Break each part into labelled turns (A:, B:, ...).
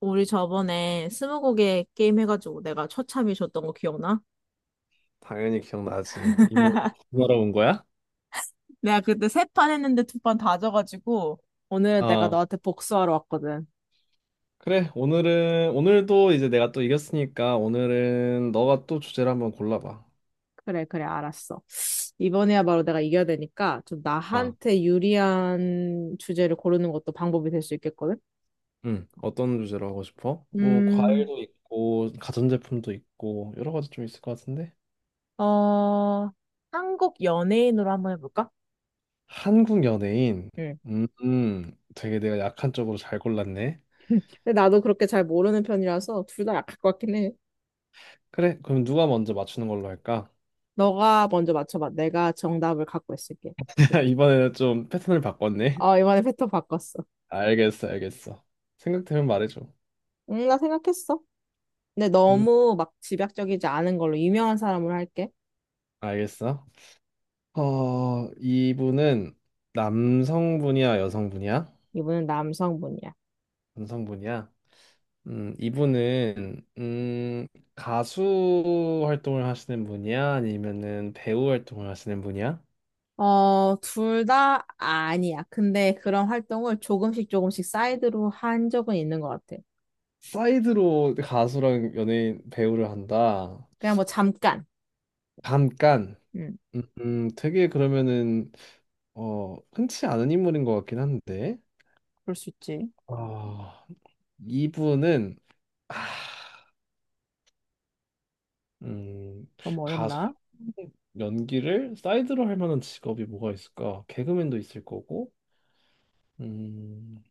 A: 우리 저번에 스무고개 게임 해가지고 내가 처참히 졌던 거 기억나?
B: 당연히 기억나지. 이번에 또 공부하러 온 거야?
A: 내가 그때 세 판 했는데 두 판 다 져가지고 오늘 내가
B: 어,
A: 너한테 복수하러 왔거든.
B: 그래. 오늘은, 오늘도 이제 내가 또 이겼으니까 오늘은 너가 또 주제를 한번 골라봐.
A: 그래, 그래, 알았어. 이번에야말로 내가 이겨야 되니까 좀
B: 아.
A: 나한테 유리한 주제를 고르는 것도 방법이 될 수 있겠거든.
B: 응, 어떤 주제로 하고 싶어? 뭐,
A: 음,
B: 과일도 있고, 가전제품도 있고, 여러 가지 좀 있을 것 같은데?
A: 어, 한국 연예인으로 한번 해볼까?
B: 한국 연예인.
A: 응.
B: 음, 되게 내가 약한 쪽으로 잘 골랐네.
A: 근데 나도 그렇게 잘 모르는 편이라서 둘 다 약할 것 같긴 해.
B: 그래, 그럼 누가 먼저 맞추는 걸로 할까?
A: 너가 먼저 맞춰봐. 내가 정답을 갖고 있을게.
B: 이번에는 좀 패턴을 바꿨네.
A: 어, 이번에 패턴 바꿨어.
B: 알겠어. 생각되면 말해줘.
A: 응, 나 생각했어. 근데
B: 음,
A: 너무 막 집약적이지 않은 걸로 유명한 사람으로 할게.
B: 알겠어. 어, 이분은 남성분이야, 여성분이야?
A: 이분은 남성분이야.
B: 남성분이야? 이분은 가수 활동을 하시는 분이야? 아니면은 배우 활동을 하시는 분이야?
A: 어, 둘 다 아니야. 근데 그런 활동을 조금씩 조금씩 사이드로 한 적은 있는 것 같아.
B: 사이드로 가수랑 연예인 배우를 한다.
A: 그냥 뭐 잠깐.
B: 잠깐.
A: 응,
B: 되게 그러면은 어, 흔치 않은 인물인 것 같긴 한데.
A: 그럴 수 있지.
B: 어, 이분은 아, 음,
A: 너무
B: 가수
A: 어렵나?
B: 연기를 사이드로 할 만한 직업이 뭐가 있을까? 개그맨도 있을 거고. 음,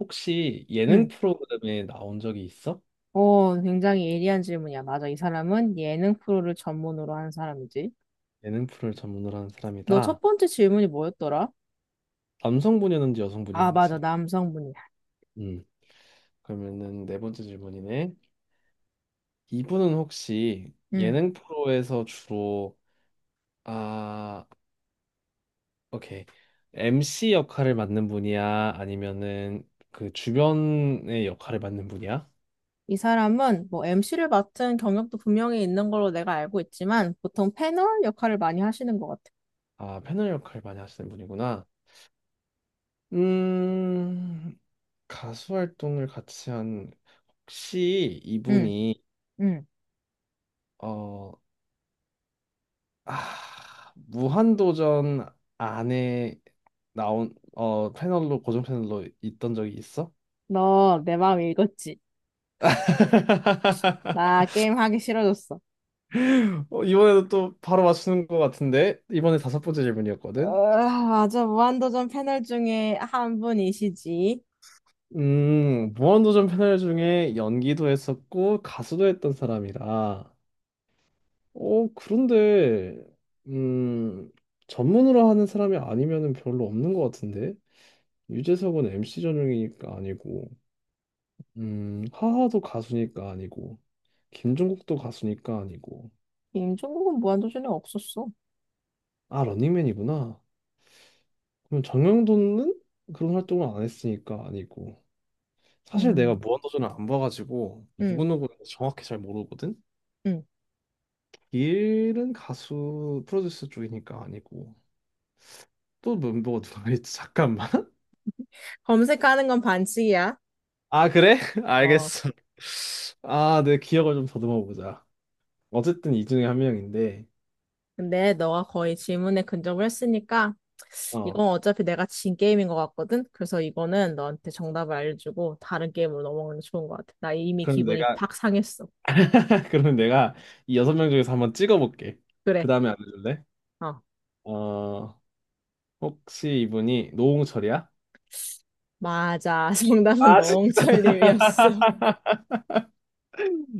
B: 혹시 예능
A: 응,
B: 프로그램에 나온 적이 있어?
A: 오, 굉장히 예리한 질문이야. 맞아. 이 사람은 예능 프로를 전문으로 하는 사람이지.
B: 예능 프로를 전문으로 하는
A: 너 첫
B: 사람이다.
A: 번째 질문이 뭐였더라?
B: 남성분이었는지
A: 아, 맞아.
B: 여성분이었는지.
A: 남성분이야.
B: 음, 그러면은 네 번째 질문이네. 이분은 혹시
A: 응.
B: 예능 프로에서 주로 아, 오케이. MC 역할을 맡는 분이야? 아니면은 그 주변의 역할을 맡는 분이야?
A: 이 사람은 뭐 MC를 맡은 경력도 분명히 있는 걸로 내가 알고 있지만 보통 패널 역할을 많이 하시는 것 같아.
B: 아, 패널 역할 많이 하시는 분이구나. 음, 가수 활동을 같이 한 혹시
A: 응,
B: 이분이
A: 응.
B: 어, 아, 무한도전 안에 나온 패널로 고정 패널로 있던 적이 있어?
A: 너 내 마음 읽었지? 나 게임 하기 싫어졌어.
B: 어, 이번에도 또 바로 맞추는 것 같은데 이번에 다섯 번째
A: 으,
B: 질문이었거든.
A: 맞아. 무한도전 패널 중에 한 분이시지.
B: 무한도전 패널 중에 연기도 했었고 가수도 했던 사람이라. 어, 그런데, 음, 전문으로 하는 사람이 아니면은 별로 없는 것 같은데? 유재석은 MC 전용이니까 아니고, 하하도 가수니까 아니고, 김종국도 가수니까 아니고,
A: 임종국은 무한도전에 없었어.
B: 아, 런닝맨이구나. 그럼 정영돈은 그런 활동을 안 했으니까 아니고. 사실 내가
A: 음.
B: 무한도전을 안 봐가지고,
A: 응,
B: 누구누구 정확히 잘 모르거든?
A: 응.
B: 길은 가수 프로듀스 쪽이니까 아니고. 또 멤버가 누가 있지? 잠깐만.
A: 검색하는 건 반칙이야.
B: 아, 그래?
A: 어,
B: 알겠어. 아, 내 기억을 좀 더듬어 보자. 어쨌든 이 중에 한 명인데,
A: 근데 너가 거의 질문에 근접을 했으니까
B: 어,
A: 이건 어차피 내가 진 게임인 것 같거든? 그래서 이거는 너한테 정답을 알려주고 다른 게임으로 넘어가는 게 좋은 것 같아. 나 이미
B: 그럼
A: 기분이
B: 내가,
A: 팍 상했어.
B: 그럼 내가 이 여섯 명 중에서 한번 찍어볼게. 그
A: 그래.
B: 다음에 알려줄래?
A: 어.
B: 어, 혹시 이분이 노홍철이야?
A: 맞아. 정답은
B: 아, 진-
A: 너홍철님이었어.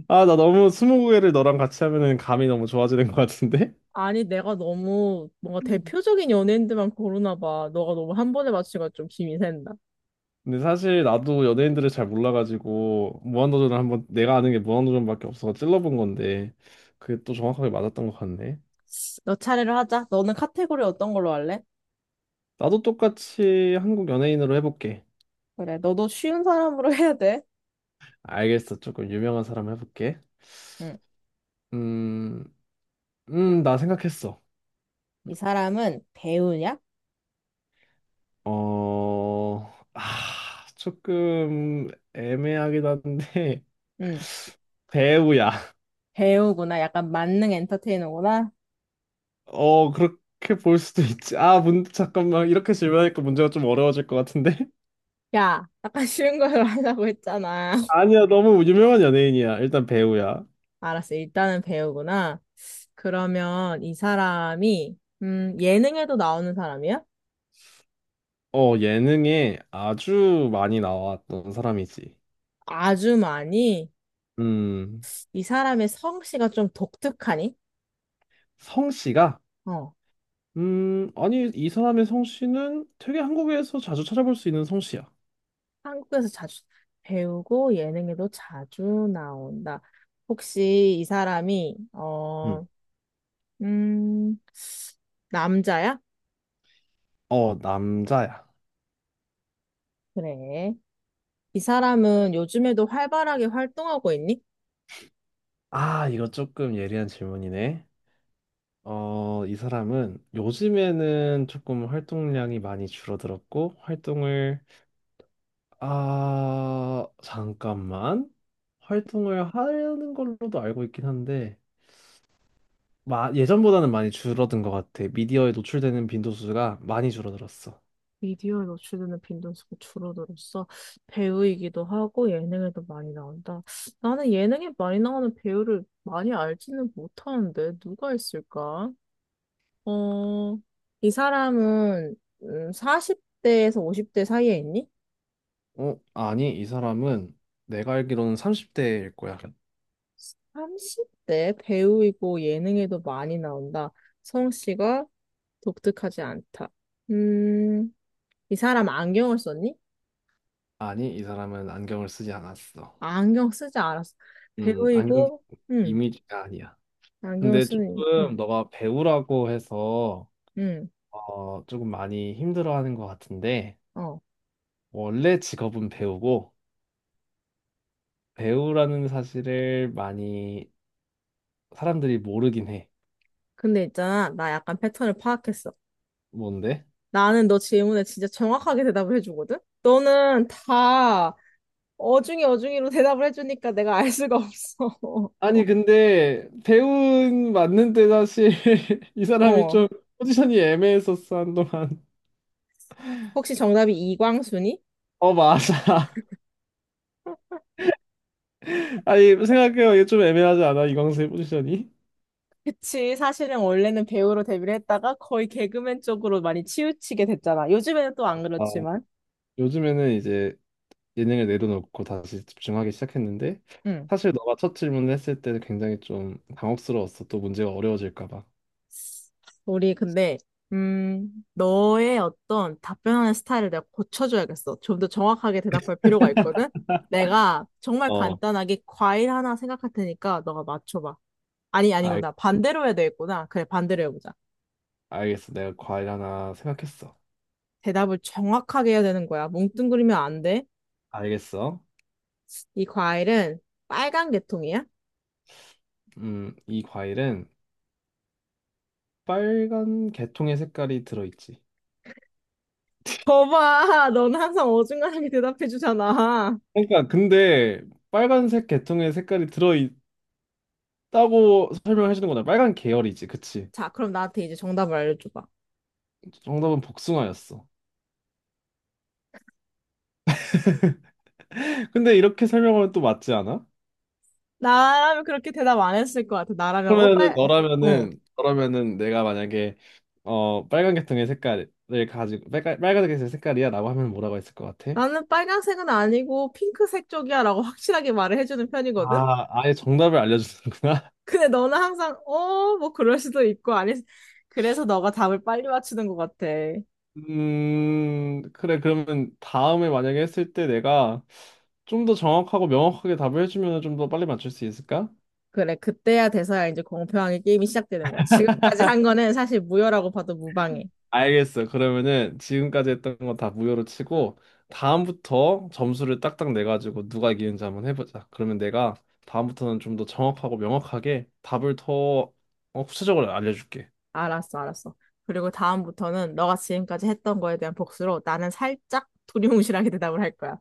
B: 아, 나 너무 스무고개를 너랑 같이 하면은 감이 너무 좋아지는 것 같은데?
A: 아니, 내가 너무 뭔가
B: 음.
A: 대표적인 연예인들만 고르나 봐. 너가 너무 한 번에 맞추니까 좀 힘이 센다.
B: 근데 사실 나도 연예인들을 잘 몰라가지고 무한도전을 한번 내가 아는 게 무한도전밖에 없어서 찔러본 건데 그게 또 정확하게 맞았던 것 같네.
A: 너 차례를 하자. 너는 카테고리 어떤 걸로 할래?
B: 나도 똑같이 한국 연예인으로 해볼게.
A: 그래, 너도 쉬운 사람으로 해야 돼.
B: 알겠어. 조금 유명한 사람 해볼게.
A: 응.
B: 음, 나 생각했어.
A: 이 사람은 배우냐?
B: 어, 아, 조금 애매하긴 한데
A: 응.
B: 배우야.
A: 배우구나. 약간 만능 엔터테이너구나.
B: 어, 그렇게 볼 수도 있지. 아, 문, 잠깐만. 이렇게 질문하니까 문제가 좀 어려워질 것 같은데.
A: 야, 아까 쉬운 걸로 하자고 했잖아.
B: 아니야, 너무 유명한 연예인이야. 일단 배우야.
A: 알았어. 일단은 배우구나. 그러면 이 사람이, 예능에도 나오는 사람이야?
B: 어, 예능에 아주 많이 나왔던 사람이지.
A: 아주 많이.
B: 음,
A: 이 사람의 성씨가 좀 독특하니?
B: 성씨가
A: 어,
B: 아니, 이 사람의 성씨는 되게 한국에서 자주 찾아볼 수 있는 성씨야.
A: 한국에서 자주 배우고 예능에도 자주 나온다. 혹시 이 사람이,
B: 음.
A: 음, 남자야?
B: 어, 남자야.
A: 그래. 이 사람은 요즘에도 활발하게 활동하고 있니?
B: 아, 이거 조금 예리한 질문이네. 어, 이 사람은 요즘에는 조금 활동량이 많이 줄어들었고, 활동을, 아, 잠깐만. 활동을 하는 걸로도 알고 있긴 한데, 마, 예전보다는 많이 줄어든 것 같아. 미디어에 노출되는 빈도수가 많이 줄어들었어.
A: 미디어에 노출되는 빈도수가 줄어들었어. 배우이기도 하고 예능에도 많이 나온다. 나는 예능에 많이 나오는 배우를 많이 알지는 못하는데 누가 있을까? 어, 이 사람은 40대에서 50대 사이에 있니?
B: 어, 아니, 이 사람은 내가 알기로는 30대일 거야.
A: 30대 배우이고 예능에도 많이 나온다. 성씨가 독특하지 않다. 음, 이 사람 안경을 썼니?
B: 아니, 이 사람은 안경을 쓰지 않았어.
A: 안경 쓰지 않았어.
B: 안경
A: 배우이고, 음,
B: 이미지가 아니야.
A: 안경을
B: 근데
A: 쓰는, 응.
B: 조금 너가 배우라고 해서
A: 응,
B: 어, 조금 많이 힘들어하는 것 같은데
A: 어.
B: 원래 직업은 배우고 배우라는 사실을 많이 사람들이 모르긴 해.
A: 근데 있잖아, 나 약간 패턴을 파악했어.
B: 뭔데?
A: 나는 너 질문에 진짜 정확하게 대답을 해주거든? 너는 다 어중이 어중이로 대답을 해주니까 내가 알 수가 없어.
B: 아니, 근데 배우는 맞는데 사실 이 사람이
A: 어.
B: 좀 포지션이 애매했었어, 한동안.
A: 혹시 정답이 이광순이?
B: 어, 맞아. 아니 생각해요 이게 좀 애매하지 않아 이광수의 포지션이?
A: 그치, 사실은 원래는 배우로 데뷔를 했다가 거의 개그맨 쪽으로 많이 치우치게 됐잖아. 요즘에는 또 안
B: 아,
A: 그렇지만.
B: 요즘에는 이제 예능을 내려놓고 다시 집중하기 시작했는데
A: 응.
B: 사실 너가 첫 질문을 했을 때는 굉장히 좀 당혹스러웠어. 또 문제가 어려워질까 봐.
A: 우리 근데 너의 어떤 답변하는 스타일을 내가 고쳐줘야겠어. 좀 더 정확하게 대답할 필요가 있거든. 내가 정말
B: 어,
A: 간단하게 과일 하나 생각할 테니까 너가 맞춰봐. 아니,
B: 알,
A: 아니구나. 반대로 해야 되겠구나. 그래, 반대로 해보자.
B: 알겠어. 내가 과일 하나 생각했어.
A: 대답을 정확하게 해야 되는 거야. 뭉뚱그리면 안 돼.
B: 알겠어.
A: 이 과일은 빨간 계통이야?
B: 이 과일은 빨간 개통의 색깔이 들어있지.
A: 거봐, 너는 항상 어중간하게 대답해주잖아.
B: 그러니까 근데 빨간색 개통의 색깔이 들어있다고 설명해 주는 거다. 빨간 계열이지, 그치?
A: 자, 그럼 나한테 이제 정답을 알려줘봐.
B: 정답은 복숭아였어. 근데 이렇게 설명하면 또 맞지 않아?
A: 나라면 그렇게 대답 안 했을 것 같아. 나라면, 어,
B: 그러면은
A: 빨, 어.
B: 너라면은 너라면은 내가 만약에 어 빨간 계통의 색깔을 가지고 빨간 계통의 색깔이야라고 하면 뭐라고 했을 것 같아?
A: 나는 빨간색은 아니고 핑크색 쪽이야 라고 확실하게 말을 해주는 편이거든?
B: 아 아예 정답을 알려주는구나.
A: 근데 너는 항상, 뭐 그럴 수도 있고, 아니, 그래서 너가 답을 빨리 맞추는 것 같아.
B: 그래 그러면 다음에 만약에 했을 때 내가 좀 더 정확하고 명확하게 답을 해주면 좀 더 빨리 맞출 수 있을까?
A: 그래, 그때야 돼서야 이제 공평하게 게임이 시작되는 거야. 지금까지 한 거는 사실 무효라고 봐도 무방해.
B: 알겠어. 그러면은 지금까지 했던 거 다 무효로 치고 다음부터 점수를 딱딱 내 가지고 누가 이기는지 한번 해보자. 그러면 내가 다음부터는 좀 더 정확하고 명확하게 답을 더 어, 구체적으로 알려줄게.
A: 알았어, 알았어. 그리고 다음부터는 너가 지금까지 했던 거에 대한 복수로 나는 살짝 두리뭉실하게 대답을 할 거야.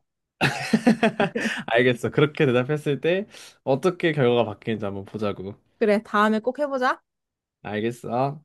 B: 알겠어. 그렇게 대답했을 때 어떻게 결과가 바뀌는지 한번 보자고.
A: 그래, 다음에 꼭 해보자.
B: 알겠어.